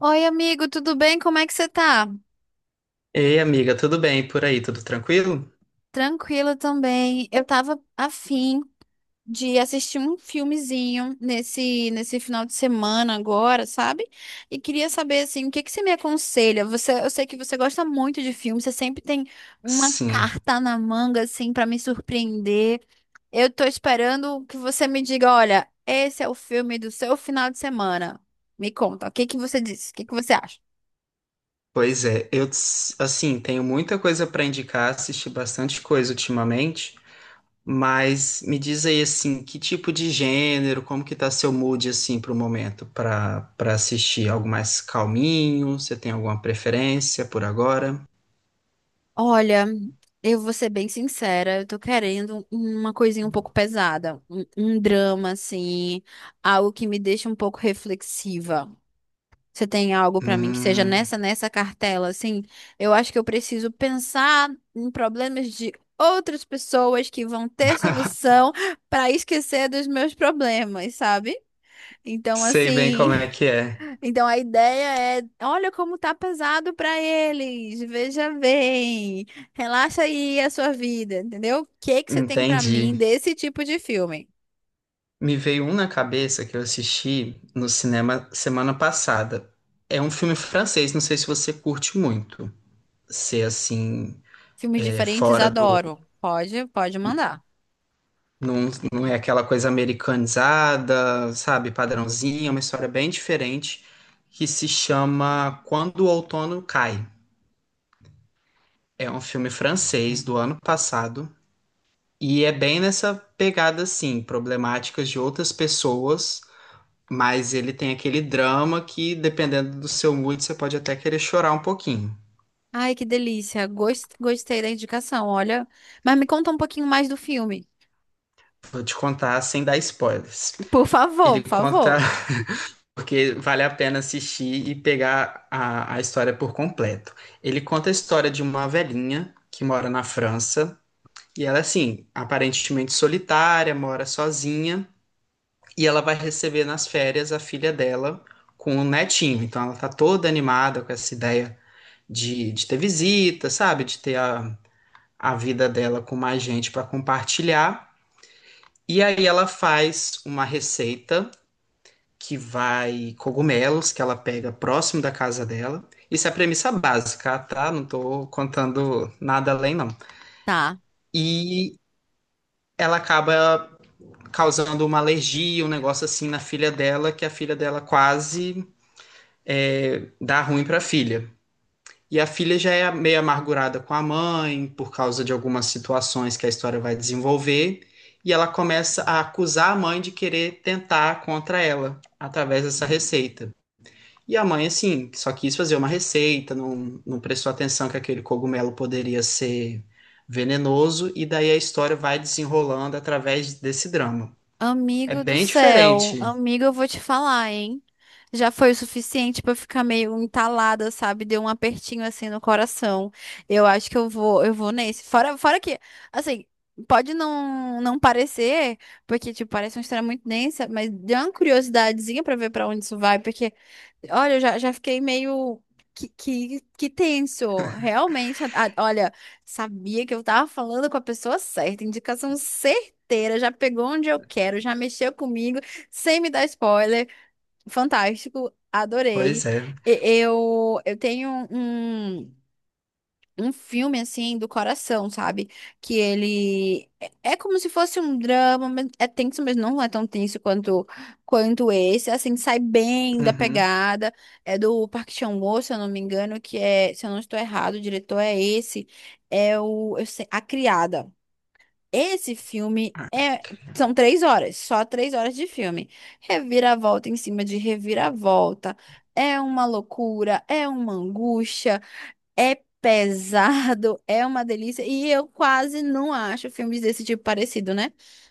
Oi, amigo, tudo bem? Como é que você tá? Ei, amiga, tudo bem por aí? Tudo tranquilo? Tranquila também. Eu tava afim de assistir um filmezinho nesse final de semana agora, sabe? E queria saber assim, o que que você me aconselha? Você, eu sei que você gosta muito de filme, você sempre tem uma Sim, carta na manga assim pra me surpreender. Eu tô esperando que você me diga, olha, esse é o filme do seu final de semana. Me conta, o que que você disse? O que que você acha? pois é. Eu, assim, tenho muita coisa para indicar, assisti bastante coisa ultimamente, mas me diz aí, assim, que tipo de gênero, como que tá seu mood, assim, pro momento, para assistir algo mais calminho? Você tem alguma preferência por agora? Olha, eu vou ser bem sincera, eu tô querendo uma coisinha um pouco pesada, um drama, assim, algo que me deixa um pouco reflexiva. Você tem algo pra mim que seja Hum, nessa cartela, assim? Eu acho que eu preciso pensar em problemas de outras pessoas que vão ter solução pra esquecer dos meus problemas, sabe? Então, sei bem como assim. é que é. Então a ideia é, olha como tá pesado para eles. Veja bem. Relaxa aí a sua vida, entendeu? O que que você tem para Entendi. mim desse tipo de filme? Me veio um na cabeça que eu assisti no cinema semana passada. É um filme francês, não sei se você curte muito. Ser assim, Filmes é, diferentes, fora do. adoro. Pode, pode mandar. Não, não é aquela coisa americanizada, sabe, padrãozinha, é uma história bem diferente que se chama Quando o Outono Cai. É um filme francês do ano passado e é bem nessa pegada assim, problemáticas de outras pessoas. Mas ele tem aquele drama que, dependendo do seu mood, você pode até querer chorar um pouquinho. Ai, que delícia. Gostei da indicação, olha. Mas me conta um pouquinho mais do filme. Vou te contar sem dar spoilers. Por favor, Ele por conta favor. porque vale a pena assistir e pegar a história por completo. Ele conta a história de uma velhinha que mora na França e ela, assim, aparentemente solitária, mora sozinha, e ela vai receber nas férias a filha dela com o netinho. Então ela tá toda animada com essa ideia de ter visita, sabe? De ter a vida dela com mais gente para compartilhar. E aí ela faz uma receita que vai cogumelos que ela pega próximo da casa dela. Isso é a premissa básica, tá? Não tô contando nada além, não. Tá. E ela acaba causando uma alergia, um negócio assim na filha dela, que a filha dela quase é, dá ruim para filha. E a filha já é meio amargurada com a mãe, por causa de algumas situações que a história vai desenvolver, e ela começa a acusar a mãe de querer tentar contra ela, através dessa receita. E a mãe, assim, só quis fazer uma receita, não prestou atenção que aquele cogumelo poderia ser venenoso, e daí a história vai desenrolando através desse drama. É Amigo do bem céu, diferente. amigo, eu vou te falar, hein? Já foi o suficiente pra eu ficar meio entalada, sabe? Deu um apertinho assim no coração. Eu acho que eu vou nesse. Fora que, assim, pode não parecer, porque tipo, parece uma história muito densa, mas deu uma curiosidadezinha pra ver pra onde isso vai, porque olha, eu já fiquei meio que tenso, realmente. Olha, sabia que eu tava falando com a pessoa certa, indicação inteira, já pegou onde eu quero, já mexeu comigo, sem me dar spoiler. Fantástico, adorei. Pois é. E- eu tenho um filme, assim, do coração, sabe? Que ele é como se fosse um drama, mas é tenso, mas não é tão tenso quanto esse. Assim, sai bem da Uhum. pegada. É do Park Chan-wook, se eu não me engano, que é, se eu não estou errado, o diretor é esse. É o, A Criada. Esse filme é... são 3 horas, só 3 horas de filme. Reviravolta em cima de reviravolta. É uma loucura, é uma angústia. É pesado, é uma delícia. E eu quase não acho filmes desse tipo parecido, né?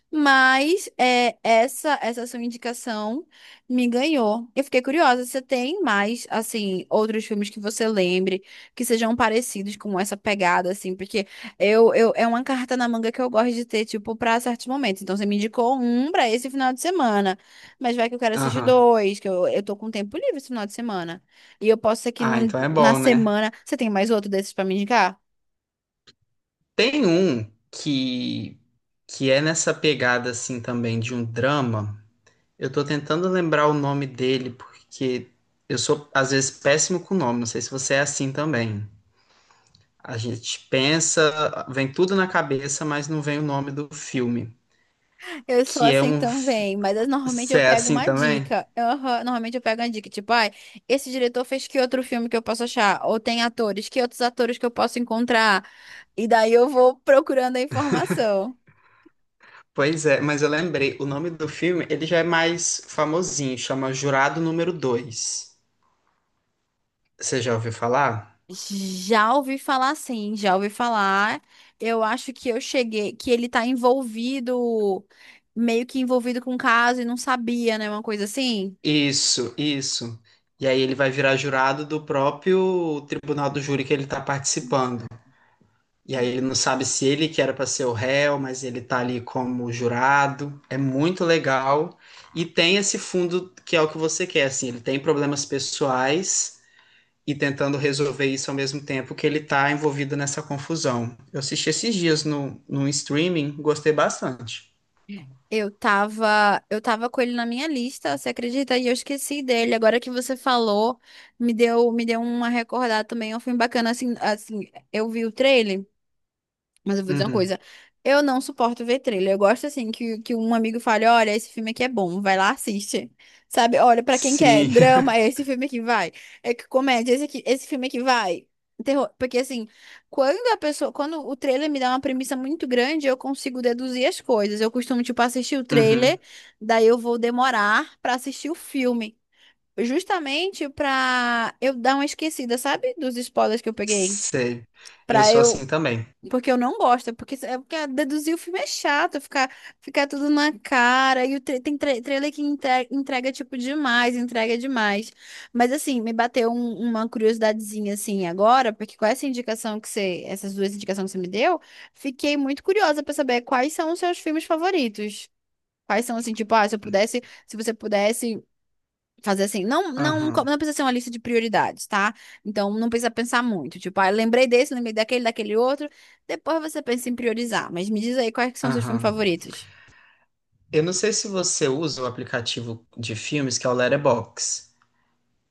Mas é, essa sua indicação me ganhou. Eu fiquei curiosa, você tem mais, assim, outros filmes que você lembre que sejam parecidos com essa pegada, assim? Porque eu é uma carta na manga que eu gosto de ter, tipo, pra certos momentos. Então, você me indicou um pra esse final de semana. Mas vai que eu quero assistir Aham. dois, que eu tô com tempo livre esse final de semana. E eu posso ser que Ah, então é na bom, né? semana. Você tem mais outro desses pra me indicar? Tem um que é nessa pegada assim também de um drama. Eu tô tentando lembrar o nome dele porque eu sou às vezes péssimo com o nome, não sei se você é assim também. A gente pensa, vem tudo na cabeça, mas não vem o nome do filme, Eu sou que é assim um fi- também, normalmente eu você é pego assim uma também? dica. Aham, normalmente eu pego uma dica, tipo, ai, esse diretor fez que outro filme que eu posso achar? Ou tem atores, que outros atores que eu posso encontrar? E daí eu vou procurando a informação. Pois é, mas eu lembrei, o nome do filme, ele já é mais famosinho, chama Jurado Número Dois. Você já ouviu falar? Já ouvi falar sim, já ouvi falar. Eu acho que eu cheguei, que ele tá envolvido, meio que envolvido com o caso e não sabia, né? Uma coisa assim. Isso, isso. E aí ele vai virar jurado do próprio tribunal do júri que ele está participando. E aí ele não sabe se ele que era para ser o réu, mas ele tá ali como jurado. É muito legal. E tem esse fundo que é o que você quer, assim, ele tem problemas pessoais e tentando resolver isso ao mesmo tempo que ele tá envolvido nessa confusão. Eu assisti esses dias no streaming, gostei bastante. Eu tava com ele na minha lista, você acredita? E eu esqueci dele. Agora que você falou, me deu uma recordada também. É um filme bacana, assim, assim, eu vi o trailer. Mas eu vou dizer uma Uhum. coisa, eu não suporto ver trailer. Eu gosto assim que um amigo fale, olha, esse filme aqui é bom, vai lá, assiste. Sabe? Olha, pra quem quer Sim. drama, é esse filme aqui vai. É que comédia, esse aqui, esse filme aqui vai. Terror, porque assim, quando a pessoa, quando o trailer me dá uma premissa muito grande, eu consigo deduzir as coisas. Eu costumo tipo assistir o trailer, Uhum. daí eu vou demorar pra assistir o filme, justamente pra eu dar uma esquecida, sabe? Dos spoilers que eu peguei. Sei. Eu Pra sou eu assim também. porque eu não gosto, é porque deduzir o filme é chato, ficar, ficar tudo na cara, e o trailer que entrega, entrega, tipo, demais, entrega demais. Mas, assim, me bateu uma curiosidadezinha, assim, agora, porque com essa indicação que você, essas duas indicações que você me deu, fiquei muito curiosa pra saber quais são os seus filmes favoritos. Quais são, assim, tipo, ah, se eu pudesse, se você pudesse fazer assim, Aham, não precisa ser uma lista de prioridades, tá? Então não precisa pensar muito, tipo, ah, eu lembrei desse, lembrei daquele, daquele outro. Depois você pensa em priorizar, mas me diz aí quais que são seus filmes aham. favoritos. Eu não sei se você usa o aplicativo de filmes que é o Letterboxd,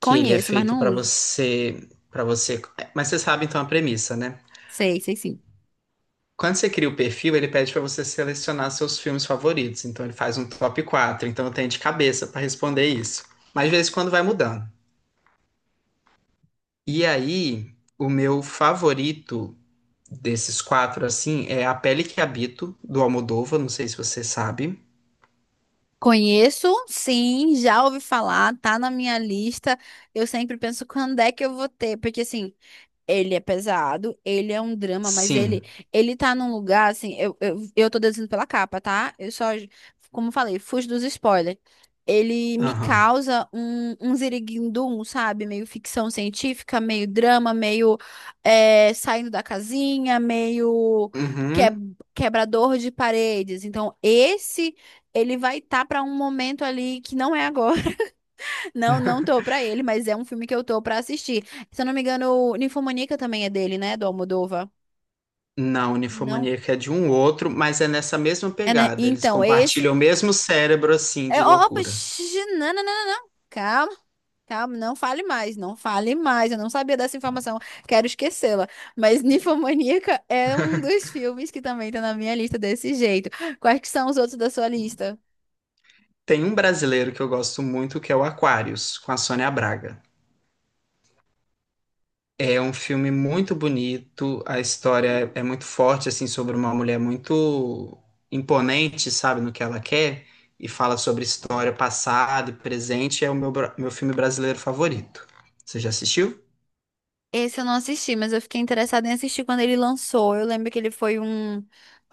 que ele é mas feito não uso. Para você, é, mas você sabe então a premissa, né? Sei, sei sim. Quando você cria o perfil, ele pede para você selecionar seus filmes favoritos, então ele faz um top quatro, então eu tenho de cabeça para responder isso. Mas de vez em quando vai mudando. E aí, o meu favorito desses quatro assim é A Pele que Habito do Almodóvar, não sei se você sabe. Conheço, sim, já ouvi falar, tá na minha lista. Eu sempre penso quando é que eu vou ter, porque assim, ele é pesado, ele é um drama, mas ele Sim. ele tá num lugar assim, eu tô deduzindo pela capa, tá? Eu só, como eu falei, fujo dos spoilers. Ele me Aham. causa um ziriguindum, sabe? Meio ficção científica, meio drama, meio é, saindo da casinha, meio é, Uhum. quebrador de paredes. Então, esse ele vai estar tá para um momento ali que não é agora. Não, não tô pra ele, mas é um filme que eu tô pra assistir. Se eu não me engano, o Ninfomaníaca também é dele, né? Do Almodóvar. Não, Não, Ninfomaníaca é de um outro, mas é nessa mesma é, né? pegada. Eles Então, esse. compartilham o mesmo cérebro, assim, É, de opa, loucura. xixi, não, não, não, não, não. Calma, calma, não fale mais, não fale mais. Eu não sabia dessa informação, quero esquecê-la. Mas Ninfomaníaca é um dos filmes que também tá na minha lista desse jeito. Quais que são os outros da sua lista? Tem um brasileiro que eu gosto muito, que é o Aquarius, com a Sônia Braga. É um filme muito bonito, a história é muito forte, assim, sobre uma mulher muito imponente, sabe, no que ela quer, e fala sobre história, passado e presente. É o meu, meu filme brasileiro favorito. Você já assistiu? Esse eu não assisti, mas eu fiquei interessada em assistir quando ele lançou. Eu lembro que ele foi um.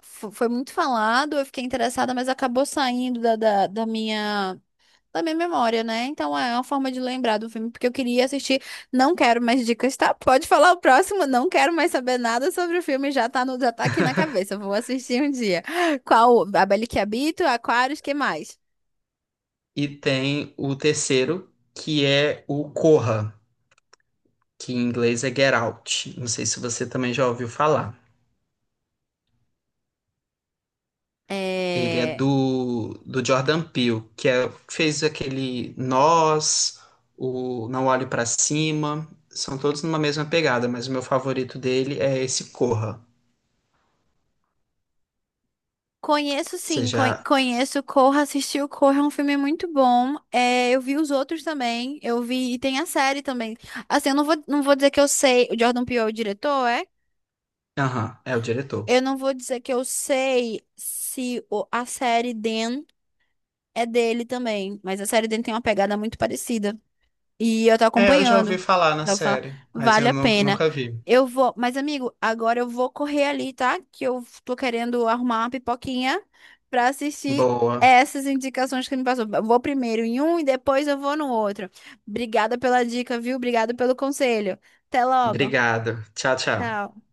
Foi muito falado, eu fiquei interessada, mas acabou saindo da minha. Da minha memória, né? Então é uma forma de lembrar do filme, porque eu queria assistir. Não quero mais dicas, tá? Pode falar o próximo, não quero mais saber nada sobre o filme, já tá, no, já tá aqui na cabeça. Eu Vou assistir um dia. Qual? A Bela que Habito, Aquários, que mais? E tem o terceiro, que é o Corra, que em inglês é Get Out. Não sei se você também já ouviu falar. Ele é É... do Jordan Peele, que é, fez aquele Nós, o Não Olhe Pra Cima. São todos numa mesma pegada, mas o meu favorito dele é esse Corra. Conheço Você sim, já. conheço Corra, assisti o Corra, é um filme muito bom. É, eu vi os outros também, eu vi, e tem a série também. Assim, eu não vou, não vou dizer que eu sei, o Jordan Peele é o diretor, é? Aham, é o diretor. Eu não vou dizer que eu sei se o- a série Dan é dele também, mas a série Dan tem uma pegada muito parecida. E eu tô É, eu já ouvi acompanhando. falar na Daí série, Eu mas vale eu a pena. nunca vi. Eu vou, mas amigo, agora eu vou correr ali, tá? Que eu tô querendo arrumar uma pipoquinha pra assistir Boa. essas indicações que me passou. Eu vou primeiro em um e depois eu vou no outro. Obrigada pela dica, viu? Obrigada pelo conselho. Até logo. Obrigado. Tchau, tchau. Tchau.